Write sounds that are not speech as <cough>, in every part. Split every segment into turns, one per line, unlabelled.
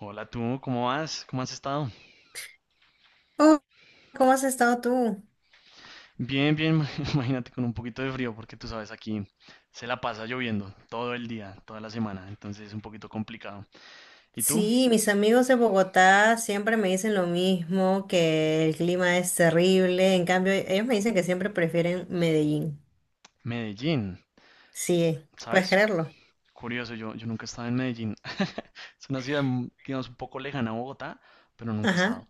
Hola tú, ¿cómo vas? ¿Cómo has estado?
Oh, ¿cómo has estado tú?
Bien, bien, <laughs> imagínate con un poquito de frío porque tú sabes aquí se la pasa lloviendo todo el día, toda la semana, entonces es un poquito complicado. ¿Y tú?
Sí, mis amigos de Bogotá siempre me dicen lo mismo, que el clima es terrible. En cambio, ellos me dicen que siempre prefieren Medellín.
Medellín,
Sí, puedes
¿sabes?
creerlo.
Curioso, yo nunca he estado en Medellín. <laughs> Es una ciudad, digamos, un poco lejana a Bogotá, pero nunca he
Ajá.
estado.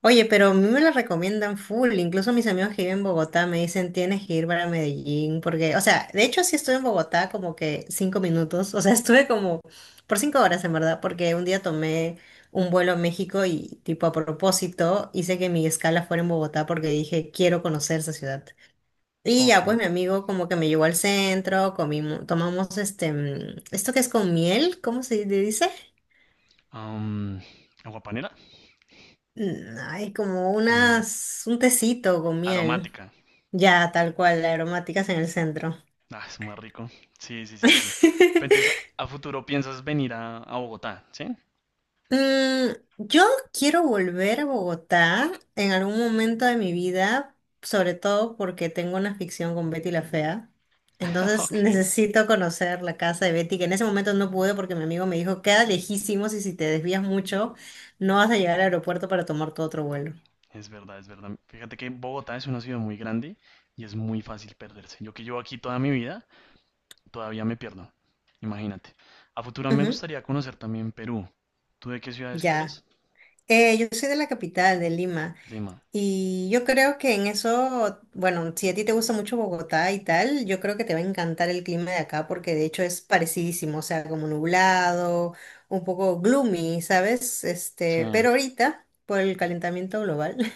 Oye, pero a mí me la recomiendan full, incluso mis amigos que viven en Bogotá me dicen tienes que ir para Medellín, porque, o sea, de hecho sí estuve en Bogotá como que cinco minutos, o sea, <laughs> estuve como por cinco horas en verdad, porque un día tomé un vuelo a México y tipo a propósito hice que mi escala fuera en Bogotá porque dije quiero conocer esa ciudad. Y ya
Ok.
pues mi amigo como que me llevó al centro, comimos, tomamos esto que es con miel, ¿cómo se le dice?
Am, agua panela
Mm, ay, como
con miel.
unas, un tecito con miel.
Aromática.
Ya, tal cual, la aromáticas en el centro.
Ah, es muy rico. Sí, sí, sí, sí. Pero entonces,
<laughs>
a futuro piensas venir a Bogotá, ¿sí?
Mm, yo quiero volver a Bogotá en algún momento de mi vida, sobre todo porque tengo una ficción con Betty la Fea.
<laughs>
Entonces <laughs>
Ok.
necesito conocer la casa de Betty, que en ese momento no pude porque mi amigo me dijo, queda lejísimos y si te desvías mucho, no vas a llegar al aeropuerto para tomar tu otro vuelo.
Es verdad, es verdad. Fíjate que Bogotá es una ciudad muy grande y es muy fácil perderse. Yo que llevo aquí toda mi vida, todavía me pierdo. Imagínate. A futuro me
Ujú.
gustaría conocer también Perú. ¿Tú de qué ciudades que
Ya.
eres?
Yo soy de la capital, de Lima.
Lima.
Y yo creo que en eso, bueno, si a ti te gusta mucho Bogotá y tal, yo creo que te va a encantar el clima de acá porque de hecho es parecidísimo, o sea, como nublado, un poco gloomy, ¿sabes?
Sí,
Pero ahorita, por el calentamiento global, <laughs> el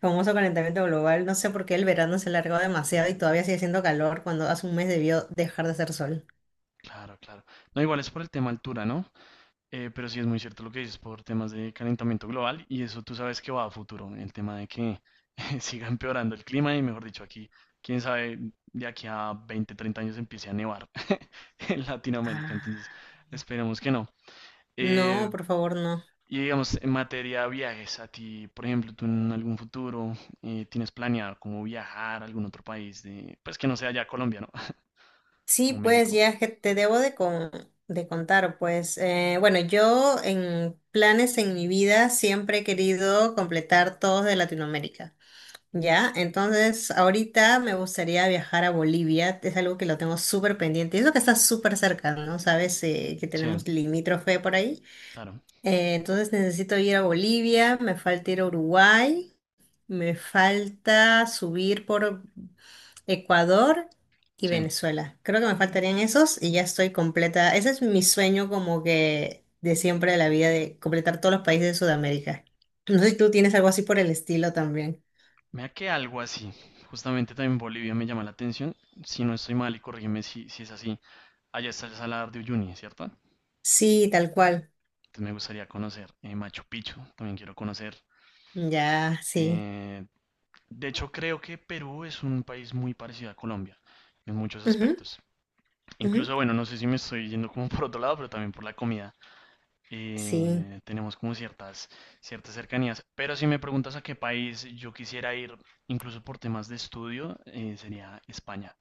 famoso calentamiento global, no sé por qué el verano se alargó demasiado y todavía sigue haciendo calor cuando hace un mes debió dejar de hacer sol.
claro, claro. No, igual es por el tema altura, ¿no? Pero sí es muy cierto lo que dices por temas de calentamiento global y eso tú sabes que va a futuro, el tema de que <laughs> siga empeorando el clima y mejor dicho aquí, quién sabe, de aquí a 20-30 años empiece a nevar <laughs> en Latinoamérica, entonces
Ah.
esperemos que no. Eh,
No, por favor, no.
y digamos, en materia de viajes, a ti, por ejemplo, tú en algún futuro tienes planeado como viajar a algún otro país, pues que no sea ya Colombia, ¿no? <laughs> O
Sí, pues
México.
ya que te debo de, de contar, pues bueno, yo en planes en mi vida siempre he querido completar todos de Latinoamérica, ¿ya? Entonces ahorita me gustaría viajar a Bolivia, es algo que lo tengo súper pendiente, y eso que está súper cerca, ¿no? Sabes que
Sí,
tenemos limítrofe por ahí.
claro,
Entonces necesito ir a Bolivia, me falta ir a Uruguay. Me falta subir por Ecuador y
sí.
Venezuela. Creo que me faltarían esos y ya estoy completa. Ese es mi sueño como que de siempre de la vida, de completar todos los países de Sudamérica. No sé si tú tienes algo así por el estilo también.
Mira que algo así, justamente también Bolivia me llama la atención, si no estoy mal y corrígeme si es así, allá está el Salar de Uyuni, ¿cierto? Entonces
Sí, tal cual.
me gustaría conocer Machu Picchu, también quiero conocer.
Ya, sí.
eh, de hecho creo que Perú es un país muy parecido a Colombia en muchos
Ujú,
aspectos.
ujú.
Incluso, bueno, no sé si me estoy yendo como <laughs> por otro lado, pero también por la comida.
Sí,
Tenemos como ciertas cercanías. Pero si me preguntas a qué país yo quisiera ir, incluso por temas de estudio, sería España.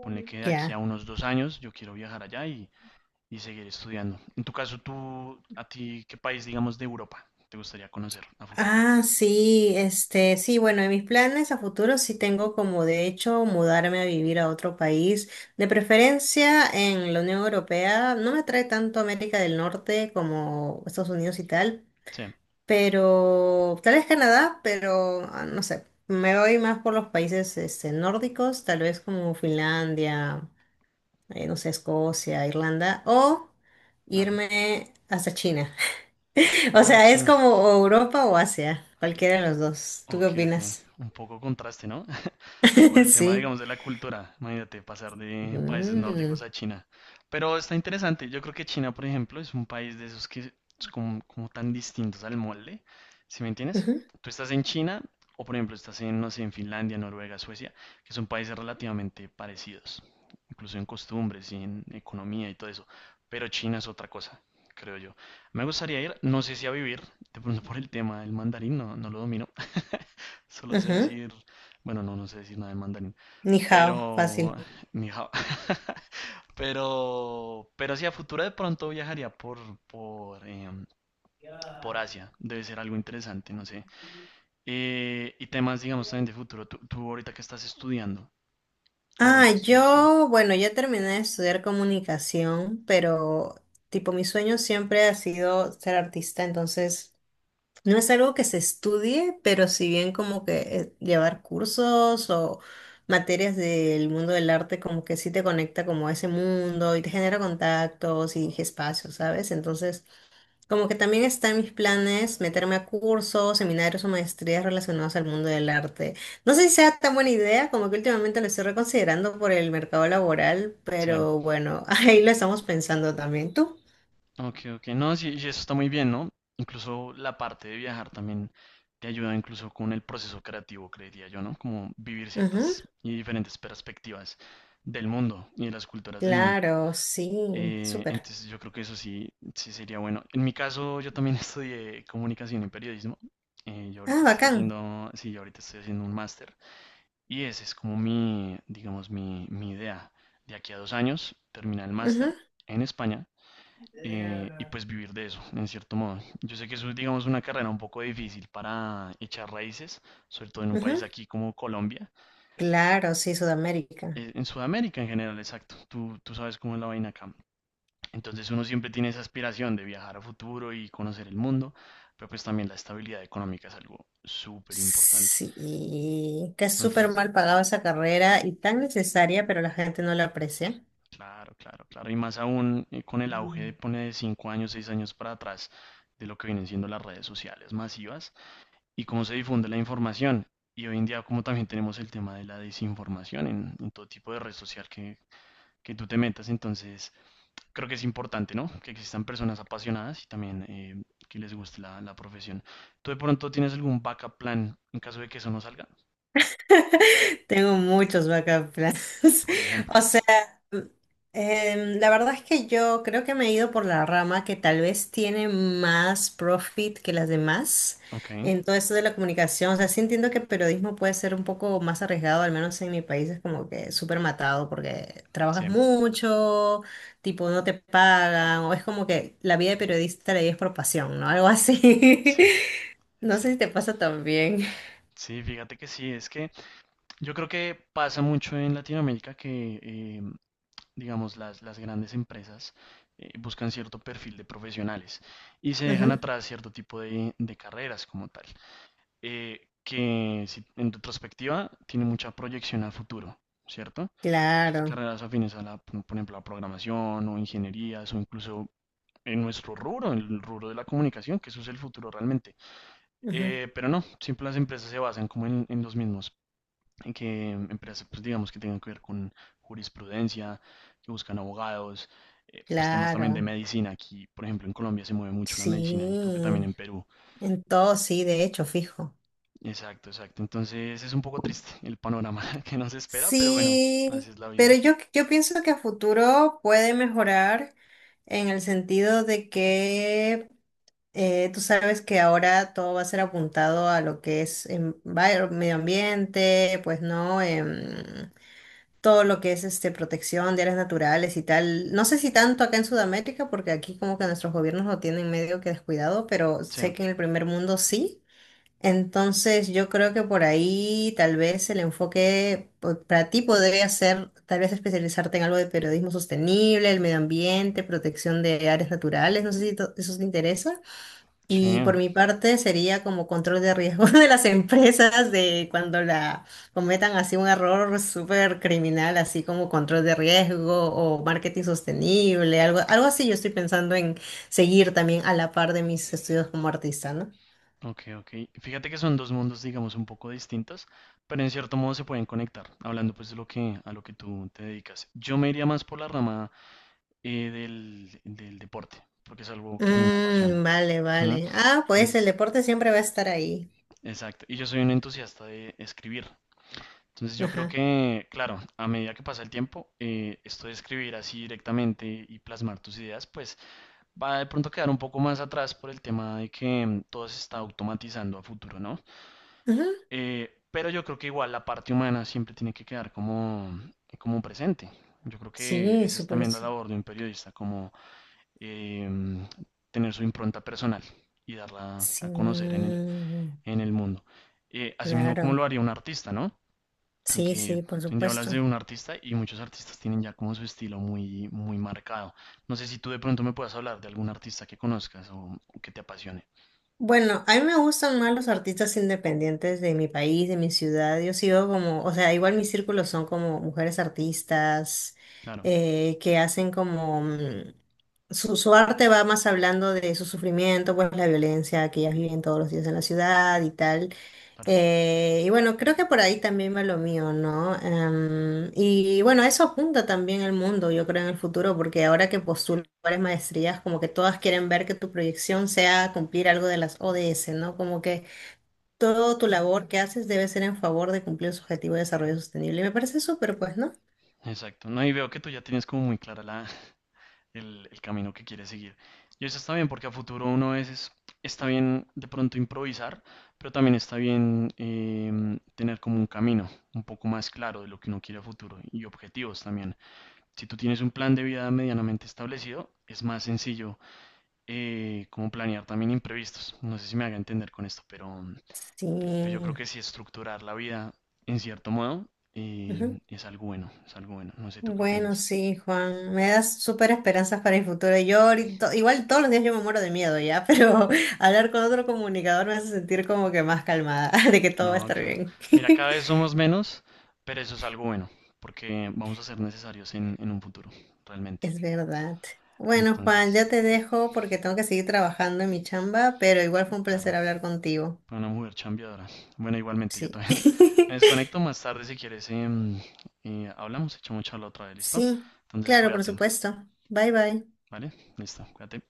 Ponle que de aquí a
ya.
unos 2 años yo quiero viajar allá y seguir estudiando. En tu caso, tú, a ti, ¿qué país, digamos, de Europa te gustaría conocer a futuro?
Ah, sí, sí, bueno, en mis planes a futuro sí tengo como de hecho mudarme a vivir a otro país, de preferencia en la Unión Europea. No me atrae tanto América del Norte como Estados Unidos y tal,
Sí,
pero tal vez Canadá, pero ah, no sé, me voy más por los países nórdicos, tal vez como Finlandia, no sé, Escocia, Irlanda, o
claro.
irme hasta China. O
Ah,
sea, es
China.
como o Europa o Asia, cualquiera de los dos. ¿Tú qué
Ok, ok.
opinas?
Un poco contraste, ¿no? Por
<laughs>
el tema,
Sí.
digamos, de la cultura. Imagínate pasar de países nórdicos
Mm.
a China. Pero está interesante. Yo creo que China, por ejemplo, es un país de esos que es como tan distintos al molde. ¿Sí me entiendes?
Ujú,
Tú estás en China o, por ejemplo, estás en, no sé, en Finlandia, Noruega, Suecia, que son países relativamente parecidos, incluso en costumbres y en economía y todo eso. Pero China es otra cosa, creo yo. Me gustaría ir, no sé si a vivir, de pronto por el tema del mandarín, no, no lo domino. <laughs> Solo sé
ujú.
decir bueno, no, no sé decir nada en mandarín.
Ni hao, fácil.
Pero, <laughs> ni hao. Pero sí, a futuro de pronto viajaría por, em, por Asia. Debe ser algo interesante, no sé. Y temas, digamos, también de futuro. Tú ahorita que estás estudiando. O
Ah,
ya estudiaste.
yo, bueno, yo terminé de estudiar comunicación, pero tipo mi sueño siempre ha sido ser artista, entonces no es algo que se estudie, pero si bien como que llevar cursos o materias del mundo del arte como que sí te conecta como a ese mundo y te genera contactos y espacios, ¿sabes? Entonces, como que también está en mis planes meterme a cursos, seminarios o maestrías relacionados al mundo del arte. No sé si sea tan buena idea, como que últimamente lo estoy reconsiderando por el mercado laboral,
Sí.
pero bueno, <laughs> ahí lo estamos pensando también. ¿Tú?
Ok, ok. No, sí, y eso está muy bien, ¿no? Incluso la parte de viajar también te ayuda incluso con el proceso creativo, creería yo, ¿no? Como vivir
Ujú.
ciertas y diferentes perspectivas del mundo y de las culturas del mundo.
Claro, sí,
Eh,
súper.
entonces yo creo que eso sí, sí sería bueno. En mi caso, yo también <laughs> estudié comunicación y periodismo. Eh, yo
Ah,
ahorita estoy
bacán.
haciendo, sí, yo ahorita estoy haciendo un máster. Y ese es como mi, digamos, mi idea. De aquí a 2 años, terminar el
Ujú,
máster en España y pues vivir de eso, en cierto modo. Yo sé que eso es, digamos, una carrera un poco difícil para echar raíces, sobre todo en un
ujú.
país aquí como Colombia.
Claro, sí, Sudamérica.
En Sudamérica en general, exacto. Tú sabes cómo es la vaina acá. Entonces uno siempre tiene esa aspiración de viajar a futuro y conocer el mundo, pero pues también la estabilidad económica es algo súper importante.
Sí, que es súper
Entonces,
mal pagada esa carrera y tan necesaria, pero la gente no la aprecia.
claro, claro, claro. Y más aún con el auge de pone de 5 años, 6 años para atrás de lo que vienen siendo las redes sociales masivas y cómo se difunde la información. Y hoy en día como también tenemos el tema de la desinformación en todo tipo de red social que tú te metas, entonces creo que es importante, ¿no? Que existan personas apasionadas y también que les guste la profesión. ¿Tú de pronto tienes algún backup plan en caso de que eso no salga?
Tengo muchos backup plans. <laughs>
Por
O
ejemplo.
sea, la verdad es que yo creo que me he ido por la rama que tal vez tiene más profit que las demás
Ok,
en todo esto de la comunicación. O sea, sí entiendo que periodismo puede ser un poco más arriesgado, al menos en mi país es como que súper matado porque
sí,
trabajas mucho, tipo no te pagan, o es como que la vida de periodista la vives por pasión, ¿no? Algo así.
sí,
<laughs>
es
No sé si te
cierto.
pasa también.
Sí, fíjate que sí, es que yo creo que pasa mucho en Latinoamérica que, digamos, las grandes empresas buscan cierto perfil de profesionales y se dejan
Ujú.
atrás cierto tipo de carreras como tal, que en retrospectiva tiene mucha proyección a futuro, ¿cierto? Sus
Claro.
carreras afines a la, por ejemplo, a programación o ingenierías o incluso en nuestro rubro, en el rubro de la comunicación, que eso es el futuro realmente. Pero no, siempre las empresas se basan como en los mismos, en que empresas, pues digamos, que tengan que ver con jurisprudencia, que buscan abogados, pues temas también de
Claro,
medicina. Aquí, por ejemplo, en Colombia se mueve mucho la medicina y creo que también
sí,
en Perú.
en todo sí, de hecho, fijo.
Exacto, exacto. Entonces es un poco triste el panorama <laughs> que nos espera, pero bueno, así
Sí,
es la vida.
pero yo pienso que a futuro puede mejorar en el sentido de que tú sabes que ahora todo va a ser apuntado a lo que es medio ambiente, pues no. Todo lo que es protección de áreas naturales y tal. No sé si tanto acá en Sudamérica, porque aquí como que nuestros gobiernos lo tienen medio que descuidado, pero
Sí,
sé que en el primer mundo sí. Entonces, yo creo que por ahí tal vez el enfoque para ti podría ser tal vez especializarte en algo de periodismo sostenible, el medio ambiente, protección de áreas naturales, no sé si eso te interesa. Y
sí,
por mi parte sería como control de riesgo <laughs> de las empresas de cuando la cometan así un error súper criminal, así como control de riesgo o marketing sostenible, algo así yo estoy pensando en seguir también a la par de mis estudios como artista, ¿no?
ok, ok. Fíjate que son dos mundos, digamos, un poco distintos, pero en cierto modo se pueden conectar, hablando pues a lo que tú te dedicas. Yo me iría más por la rama del deporte, porque es algo que a mí me apasiona.
Mm, vale,
Ujú.
vale. Ah, pues el
Entonces,
deporte siempre va a estar ahí.
exacto. Y yo soy un entusiasta de escribir. Entonces yo creo
Ajá.
que, claro, a medida que pasa el tiempo, esto de escribir así directamente y plasmar tus ideas, pues va de pronto a quedar un poco más atrás por el tema de que todo se está automatizando a futuro, ¿no?
Ujú.
Pero yo creo que igual la parte humana siempre tiene que quedar como presente. Yo creo que
Sí,
esa es
súper.
también la labor de un periodista, como eh, tener su impronta personal y darla
Sí,
a conocer en el,
mm,
en el mundo. Asimismo, como
claro.
lo haría un artista, ¿no?
Sí,
Que
sí, por
un día hablas
supuesto.
de un artista y muchos artistas tienen ya como su estilo muy, muy marcado. No sé si tú de pronto me puedas hablar de algún artista que conozcas o que te apasione.
Bueno, a mí me gustan más los artistas independientes de mi país, de mi ciudad. Yo sigo como, o sea, igual mis círculos son como mujeres artistas
Claro,
que hacen como... mm, su arte va más hablando de su sufrimiento, pues la violencia que ellas viven todos los días en la ciudad y tal.
claro,
Y bueno, creo que por ahí también va lo mío, ¿no? Y bueno, eso apunta también el mundo, yo creo, en el futuro, porque ahora que postulo varias maestrías, como que todas quieren ver que tu proyección sea cumplir algo de las ODS, ¿no? Como que toda tu labor que haces debe ser en favor de cumplir su objetivo de desarrollo sostenible. Y me parece súper, pues, ¿no?
exacto. No, y veo que tú ya tienes como muy clara el camino que quiere seguir. Y eso está bien porque a futuro uno a veces está bien de pronto improvisar, pero también está bien tener como un camino un poco más claro de lo que uno quiere a futuro y objetivos también. Si tú tienes un plan de vida medianamente establecido, es más sencillo como planear también imprevistos. No sé si me haga entender con esto, pero pues yo creo
Sí.
que sí estructurar la vida en cierto modo
Ujú.
es algo bueno, es algo bueno. No sé tú qué
Bueno,
opinas.
sí, Juan, me das súper esperanzas para el futuro. Yo ahorita, igual todos los días yo me muero de miedo ya, pero <laughs> hablar con otro comunicador me hace sentir como que más calmada, <laughs> de que todo va a
No,
estar
claro.
bien.
Mira, cada
<laughs>
vez somos menos, pero eso es algo bueno, porque vamos a ser necesarios en un futuro, realmente.
Es verdad. Bueno, Juan,
Entonces,
ya te dejo porque tengo que seguir trabajando en mi chamba, pero igual fue un placer
claro,
hablar contigo.
fue una mujer chambeadora. Bueno, igualmente, yo
Sí.
también <laughs> me
<laughs>
desconecto más tarde si quieres. Hablamos, echamos charla otra vez, ¿listo?
Sí,
Entonces,
claro, por
cuídate,
supuesto. Bye bye.
¿vale? Listo, cuídate.